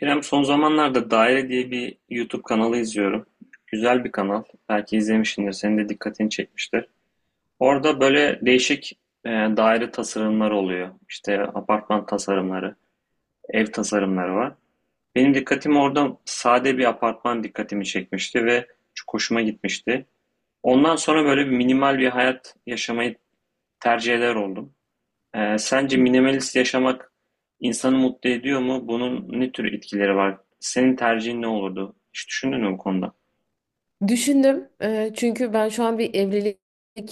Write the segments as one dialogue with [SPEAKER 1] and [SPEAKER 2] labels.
[SPEAKER 1] İrem son zamanlarda Daire diye bir YouTube kanalı izliyorum. Güzel bir kanal. Belki izlemişsindir. Senin de dikkatini çekmiştir. Orada böyle değişik daire tasarımları oluyor. İşte apartman tasarımları, ev tasarımları var. Benim dikkatimi orada sade bir apartman dikkatimi çekmişti ve çok hoşuma gitmişti. Ondan sonra böyle bir minimal bir hayat yaşamayı tercih eder oldum. Sence minimalist yaşamak insanı mutlu ediyor mu? Bunun ne tür etkileri var? Senin tercihin ne olurdu? Hiç düşündün mü bu konuda?
[SPEAKER 2] Düşündüm. Çünkü ben şu an bir evlilik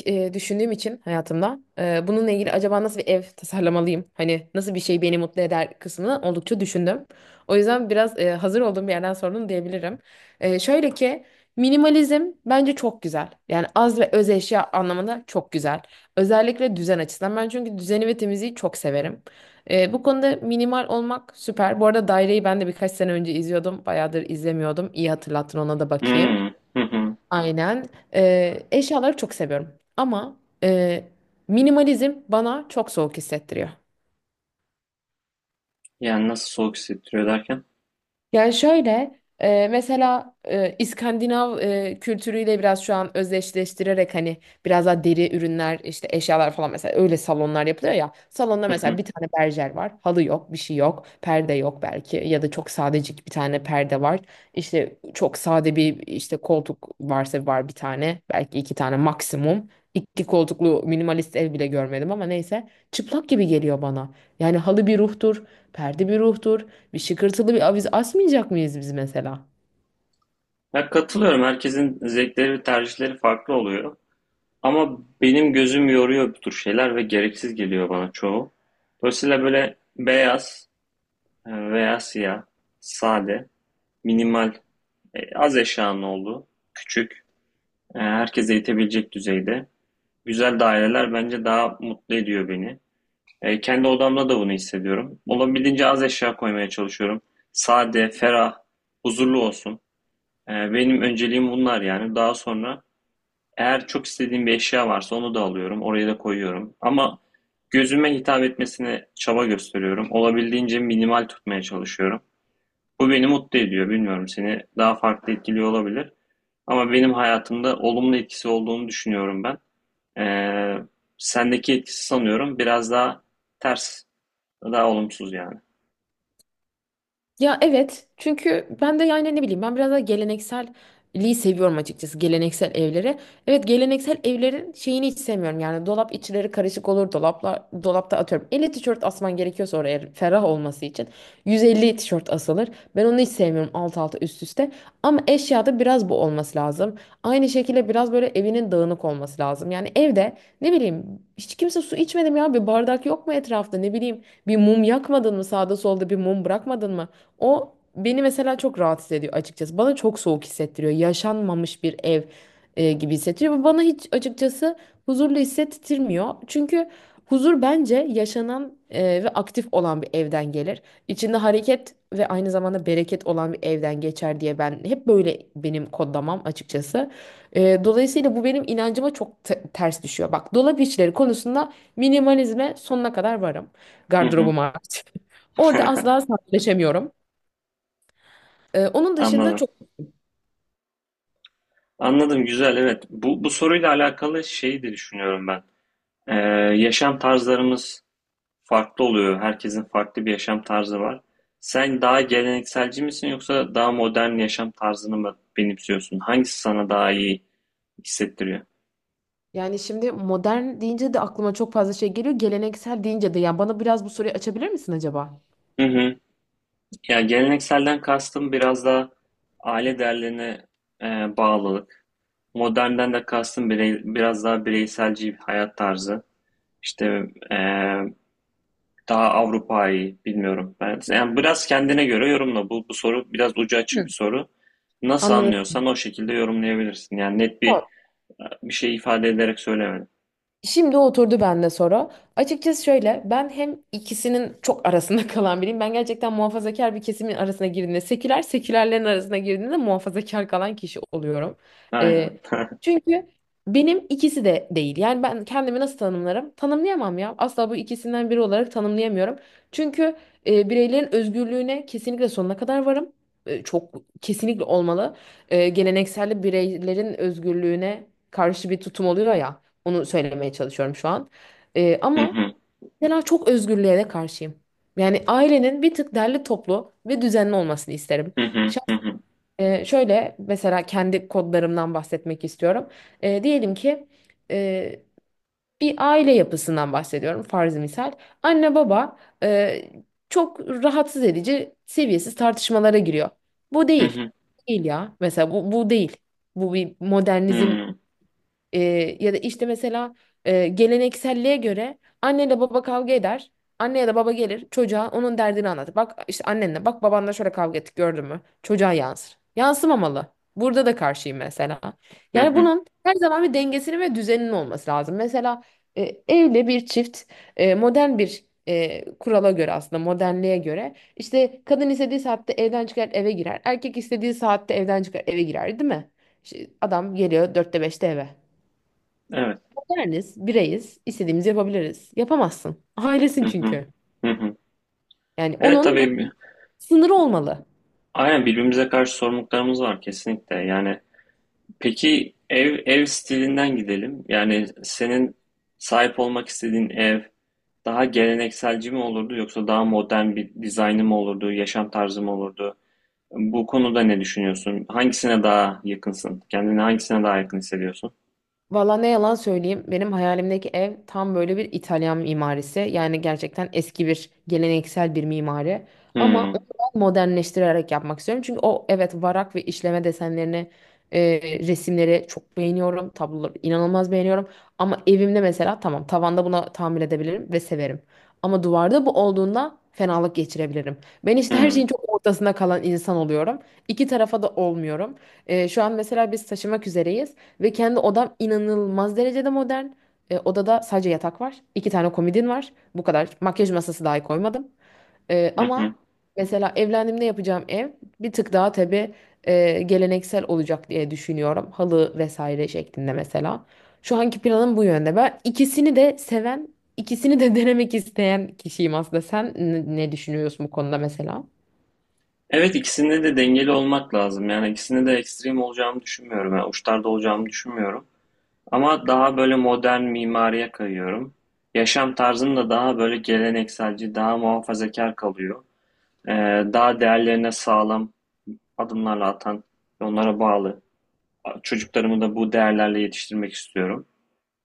[SPEAKER 2] düşündüğüm için hayatımda bununla ilgili acaba nasıl bir ev tasarlamalıyım? Hani nasıl bir şey beni mutlu eder kısmını oldukça düşündüm. O yüzden biraz hazır olduğum bir yerden sordum diyebilirim. Şöyle ki minimalizm bence çok güzel. Yani az ve öz eşya anlamında çok güzel. Özellikle düzen açısından ben çünkü düzeni ve temizliği çok severim. Bu konuda minimal olmak süper. Bu arada Daire'yi ben de birkaç sene önce izliyordum. Bayağıdır izlemiyordum. İyi hatırlattın, ona da bakayım.
[SPEAKER 1] Hmm, hı hı.
[SPEAKER 2] Aynen. Eşyaları çok seviyorum. Ama e, minimalizm bana çok soğuk hissettiriyor.
[SPEAKER 1] Yani nasıl soğuk hissettiriyor derken?
[SPEAKER 2] Yani şöyle, mesela İskandinav kültürüyle biraz şu an özdeşleştirerek, hani biraz daha deri ürünler, işte eşyalar falan, mesela öyle salonlar yapılıyor ya. Salonda
[SPEAKER 1] Hı hı.
[SPEAKER 2] mesela bir tane berjer var. Halı yok, bir şey yok. Perde yok belki ya da çok sadecik bir tane perde var. İşte çok sade, bir işte koltuk varsa var, bir tane belki, iki tane maksimum. İki koltuklu minimalist ev bile görmedim ama neyse, çıplak gibi geliyor bana. Yani halı bir ruhtur, perde bir ruhtur. Bir şıkırtılı bir aviz asmayacak mıyız biz mesela?
[SPEAKER 1] Ya katılıyorum. Herkesin zevkleri ve tercihleri farklı oluyor. Ama benim gözüm yoruyor bu tür şeyler ve gereksiz geliyor bana çoğu. Dolayısıyla böyle beyaz veya siyah, sade, minimal, az eşyanın olduğu, küçük, herkese yetebilecek düzeyde güzel daireler bence daha mutlu ediyor beni. Kendi odamda da bunu hissediyorum. Olabildiğince az eşya koymaya çalışıyorum. Sade, ferah, huzurlu olsun. Benim önceliğim bunlar yani. Daha sonra eğer çok istediğim bir eşya varsa onu da alıyorum. Oraya da koyuyorum. Ama gözüme hitap etmesine çaba gösteriyorum. Olabildiğince minimal tutmaya çalışıyorum. Bu beni mutlu ediyor. Bilmiyorum, seni daha farklı etkiliyor olabilir. Ama benim hayatımda olumlu etkisi olduğunu düşünüyorum ben. Ee, Sendeki etkisi sanıyorum biraz daha ters, daha olumsuz yani.
[SPEAKER 2] Ya evet, çünkü ben de yani ne bileyim, ben biraz daha gelenekselliği seviyorum açıkçası, geleneksel evlere. Evet, geleneksel evlerin şeyini hiç sevmiyorum yani. Dolap içleri karışık olur, dolapla dolapta atıyorum 50 tişört asman gerekiyorsa oraya ferah olması için 150 tişört asılır. Ben onu hiç sevmiyorum, alt alta üst üste, ama eşyada biraz bu olması lazım. Aynı şekilde biraz böyle evinin dağınık olması lazım. Yani evde ne bileyim, hiç kimse su içmedim ya, bir bardak yok mu etrafta, ne bileyim bir mum yakmadın mı, sağda solda bir mum bırakmadın mı? O beni mesela çok rahatsız ediyor açıkçası. Bana çok soğuk hissettiriyor. Yaşanmamış bir ev gibi hissettiriyor. Bu bana hiç açıkçası huzurlu hissettirmiyor. Çünkü huzur bence yaşanan ve aktif olan bir evden gelir. İçinde hareket ve aynı zamanda bereket olan bir evden geçer diye ben hep böyle, benim kodlamam açıkçası. Dolayısıyla bu benim inancıma çok ters düşüyor. Bak, dolap işleri konusunda minimalizme sonuna kadar varım.
[SPEAKER 1] Hı hı.
[SPEAKER 2] Gardırobum hariç. Orada asla sadeleşemiyorum. Onun dışında
[SPEAKER 1] Anladım.
[SPEAKER 2] çok
[SPEAKER 1] Anladım, güzel, evet. Bu soruyla alakalı şeyi de düşünüyorum ben. Ee, Yaşam tarzlarımız farklı oluyor. Herkesin farklı bir yaşam tarzı var. Sen daha gelenekselci misin yoksa daha modern yaşam tarzını mı benimsiyorsun? Hangisi sana daha iyi hissettiriyor?
[SPEAKER 2] yani, şimdi modern deyince de aklıma çok fazla şey geliyor. Geleneksel deyince de yani, bana biraz bu soruyu açabilir misin acaba?
[SPEAKER 1] Hı hı. Ya gelenekselden kastım biraz daha aile değerlerine e, bağlılık. Modernden de kastım biraz daha bireyselci bir hayat tarzı. İşte e, daha Avrupa'yı bilmiyorum. Ben, yani biraz kendine göre yorumla. Bu soru biraz ucu açık bir
[SPEAKER 2] Hı.
[SPEAKER 1] soru. Nasıl
[SPEAKER 2] Anladın.
[SPEAKER 1] anlıyorsan o şekilde yorumlayabilirsin. Yani net bir şey ifade ederek söylemedim.
[SPEAKER 2] Şimdi oturdu bende soru. Açıkçası şöyle, ben hem ikisinin çok arasında kalan biriyim. Ben gerçekten muhafazakar bir kesimin arasına girdiğinde seküler, sekülerlerin arasına girdiğinde muhafazakar kalan kişi oluyorum.
[SPEAKER 1] Aynen.
[SPEAKER 2] Ee, Çünkü benim ikisi de değil. Yani ben kendimi nasıl tanımlarım? Tanımlayamam ya. Asla bu ikisinden biri olarak tanımlayamıyorum. Çünkü bireylerin özgürlüğüne kesinlikle sonuna kadar varım. Çok kesinlikle olmalı. Geleneksel bireylerin özgürlüğüne karşı bir tutum oluyor ya. Onu söylemeye çalışıyorum şu an.
[SPEAKER 1] Hı
[SPEAKER 2] Ama
[SPEAKER 1] hı,
[SPEAKER 2] mesela çok özgürlüğe de karşıyım. Yani ailenin bir tık derli toplu ve düzenli olmasını isterim.
[SPEAKER 1] hı hı, hı
[SPEAKER 2] Şahs-
[SPEAKER 1] hı,
[SPEAKER 2] Şöyle mesela, kendi kodlarımdan bahsetmek istiyorum. Diyelim ki e, bir aile yapısından bahsediyorum, farz misal. Anne baba e, çok rahatsız edici seviyesiz tartışmalara giriyor. Bu
[SPEAKER 1] hı
[SPEAKER 2] değil.
[SPEAKER 1] hı,
[SPEAKER 2] Değil ya. Mesela bu, bu değil. Bu bir
[SPEAKER 1] hı
[SPEAKER 2] modernizm
[SPEAKER 1] hı,
[SPEAKER 2] ee, ya da işte mesela gelenekselliğe göre anne anneyle baba kavga eder. Anne ya da baba gelir çocuğa onun derdini anlatır. Bak işte annenle, bak babanla şöyle kavga ettik, gördün mü? Çocuğa yansır. Yansımamalı. Burada da karşıyım mesela.
[SPEAKER 1] hı
[SPEAKER 2] Yani
[SPEAKER 1] hı.
[SPEAKER 2] bunun her zaman bir dengesinin ve düzeninin olması lazım. Mesela e, evli bir çift modern bir kurala göre, aslında modernliğe göre, işte kadın istediği saatte evden çıkar eve girer. Erkek istediği saatte evden çıkar eve girer, değil mi? İşte adam geliyor dörtte beşte eve.
[SPEAKER 1] Evet.
[SPEAKER 2] Berniz, bireyiz, istediğimizi yapabiliriz. Yapamazsın. Ailesin
[SPEAKER 1] Hı hı,
[SPEAKER 2] çünkü.
[SPEAKER 1] hı hı.
[SPEAKER 2] Yani
[SPEAKER 1] Evet,
[SPEAKER 2] onun
[SPEAKER 1] tabii.
[SPEAKER 2] sınırı olmalı.
[SPEAKER 1] Aynen, birbirimize karşı sorumluluklarımız var kesinlikle. Yani peki, ev stilinden gidelim. Yani senin sahip olmak istediğin ev daha gelenekselci mi olurdu yoksa daha modern bir dizaynı mı olurdu, yaşam tarzı mı olurdu? Bu konuda ne düşünüyorsun? Hangisine daha yakınsın? Kendini hangisine daha yakın hissediyorsun?
[SPEAKER 2] Valla ne yalan söyleyeyim, benim hayalimdeki ev tam böyle bir İtalyan mimarisi. Yani gerçekten eski bir geleneksel bir mimari. Ama onu
[SPEAKER 1] Hmm,
[SPEAKER 2] ben modernleştirerek yapmak istiyorum. Çünkü o, evet, varak ve işleme desenlerini, e, resimleri çok beğeniyorum. Tabloları inanılmaz beğeniyorum. Ama evimde mesela, tamam, tavanda buna tahammül edebilirim ve severim. Ama duvarda bu olduğunda fenalık geçirebilirim. Ben işte her şeyin
[SPEAKER 1] hmm,
[SPEAKER 2] çok ortasında kalan insan oluyorum. İki tarafa da olmuyorum. Şu an mesela biz taşımak üzereyiz. Ve kendi odam inanılmaz derecede modern. Odada sadece yatak var. İki tane komodin var. Bu kadar. Makyaj masası dahi koymadım.
[SPEAKER 1] hı hı.
[SPEAKER 2] Ama mesela evlendiğimde yapacağım ev bir tık daha tabii geleneksel olacak diye düşünüyorum. Halı vesaire şeklinde mesela. Şu anki planım bu yönde. Ben ikisini de seven, ikisini de denemek isteyen kişiyim aslında. Sen ne düşünüyorsun bu konuda mesela?
[SPEAKER 1] Evet, ikisinde de dengeli olmak lazım. Yani ikisinde de ekstrem olacağımı düşünmüyorum. Yani uçlarda olacağımı düşünmüyorum. Ama daha böyle modern mimariye kayıyorum. Yaşam tarzım da daha böyle gelenekselci, daha muhafazakar kalıyor. Ee, Daha değerlerine sağlam adımlarla atan, onlara bağlı. Çocuklarımı da bu değerlerle yetiştirmek istiyorum.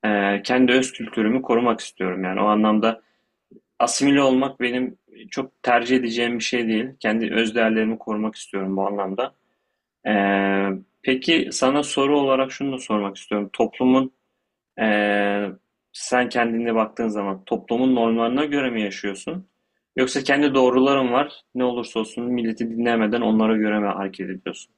[SPEAKER 1] Kendi öz kültürümü korumak istiyorum. Yani o anlamda asimile olmak benim çok tercih edeceğim bir şey değil. Kendi öz değerlerimi korumak istiyorum bu anlamda. Ee, peki, sana soru olarak şunu da sormak istiyorum. Toplumun Ee, Sen kendine baktığın zaman toplumun normlarına göre mi yaşıyorsun? Yoksa kendi doğruların var, ne olursa olsun milleti dinlemeden onlara göre mi hareket ediyorsun?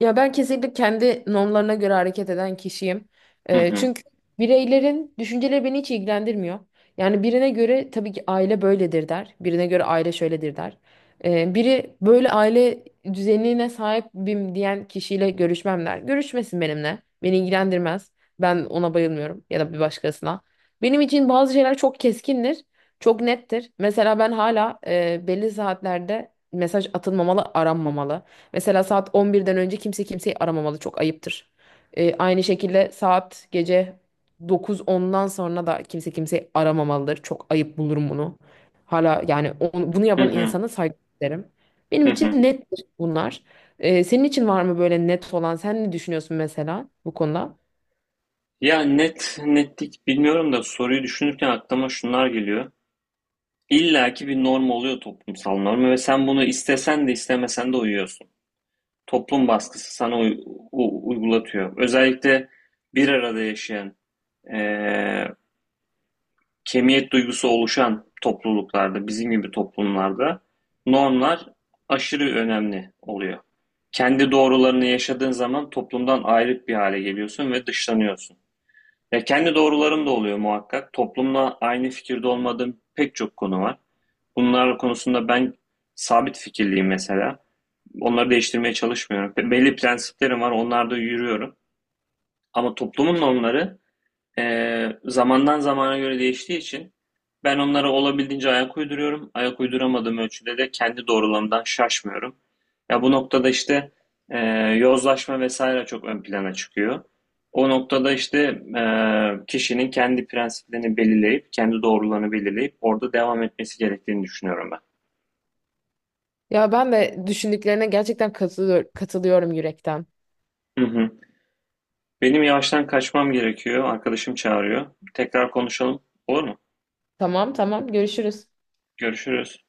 [SPEAKER 2] Ya ben kesinlikle kendi normlarına göre hareket eden kişiyim.
[SPEAKER 1] Hı hı.
[SPEAKER 2] Çünkü bireylerin düşünceleri beni hiç ilgilendirmiyor. Yani birine göre tabii ki aile böyledir der. Birine göre aile şöyledir der. Biri böyle aile düzenine sahibim diyen kişiyle görüşmem der. Görüşmesin benimle. Beni ilgilendirmez. Ben ona bayılmıyorum ya da bir başkasına. Benim için bazı şeyler çok keskindir. Çok nettir. Mesela ben hala belli saatlerde mesaj atılmamalı, aranmamalı. Mesela saat 11'den önce kimse kimseyi aramamalı. Çok ayıptır. Aynı şekilde saat gece 9-10'dan sonra da kimse kimseyi aramamalıdır. Çok ayıp bulurum bunu. Hala yani bunu
[SPEAKER 1] Hı
[SPEAKER 2] yapan
[SPEAKER 1] hı.
[SPEAKER 2] insana saygı derim. Benim
[SPEAKER 1] Hı hı.
[SPEAKER 2] için nettir bunlar. Senin için var mı böyle net olan? Sen ne düşünüyorsun mesela bu konuda?
[SPEAKER 1] Ya net, netlik bilmiyorum da soruyu düşünürken aklıma şunlar geliyor. İlla ki bir norm oluyor, toplumsal norm, ve sen bunu istesen de istemesen de uyuyorsun. Toplum baskısı sana uygulatıyor. Özellikle bir arada yaşayan, eee, kemiyet duygusu oluşan topluluklarda, bizim gibi toplumlarda normlar aşırı önemli oluyor. Kendi doğrularını yaşadığın zaman toplumdan ayrık bir hale geliyorsun ve dışlanıyorsun. Ya kendi doğrularım da oluyor muhakkak. Toplumla aynı fikirde olmadığım pek çok konu var. Bunlar konusunda ben sabit fikirliyim mesela. Onları değiştirmeye çalışmıyorum. Belli prensiplerim var, onlarda yürüyorum. Ama toplumun normları zamandan zamana göre değiştiği için ben onlara olabildiğince ayak uyduruyorum. Ayak uyduramadığım ölçüde de kendi doğrulamdan şaşmıyorum. Ya bu noktada işte e, yozlaşma vesaire çok ön plana çıkıyor. O noktada işte e, kişinin kendi prensiplerini belirleyip, kendi doğrularını belirleyip orada devam etmesi gerektiğini düşünüyorum ben.
[SPEAKER 2] Ya ben de düşündüklerine gerçekten katılıyorum yürekten.
[SPEAKER 1] Hı hı. Benim yavaştan kaçmam gerekiyor. Arkadaşım çağırıyor. Tekrar konuşalım. Olur mu?
[SPEAKER 2] Tamam tamam, görüşürüz.
[SPEAKER 1] Görüşürüz.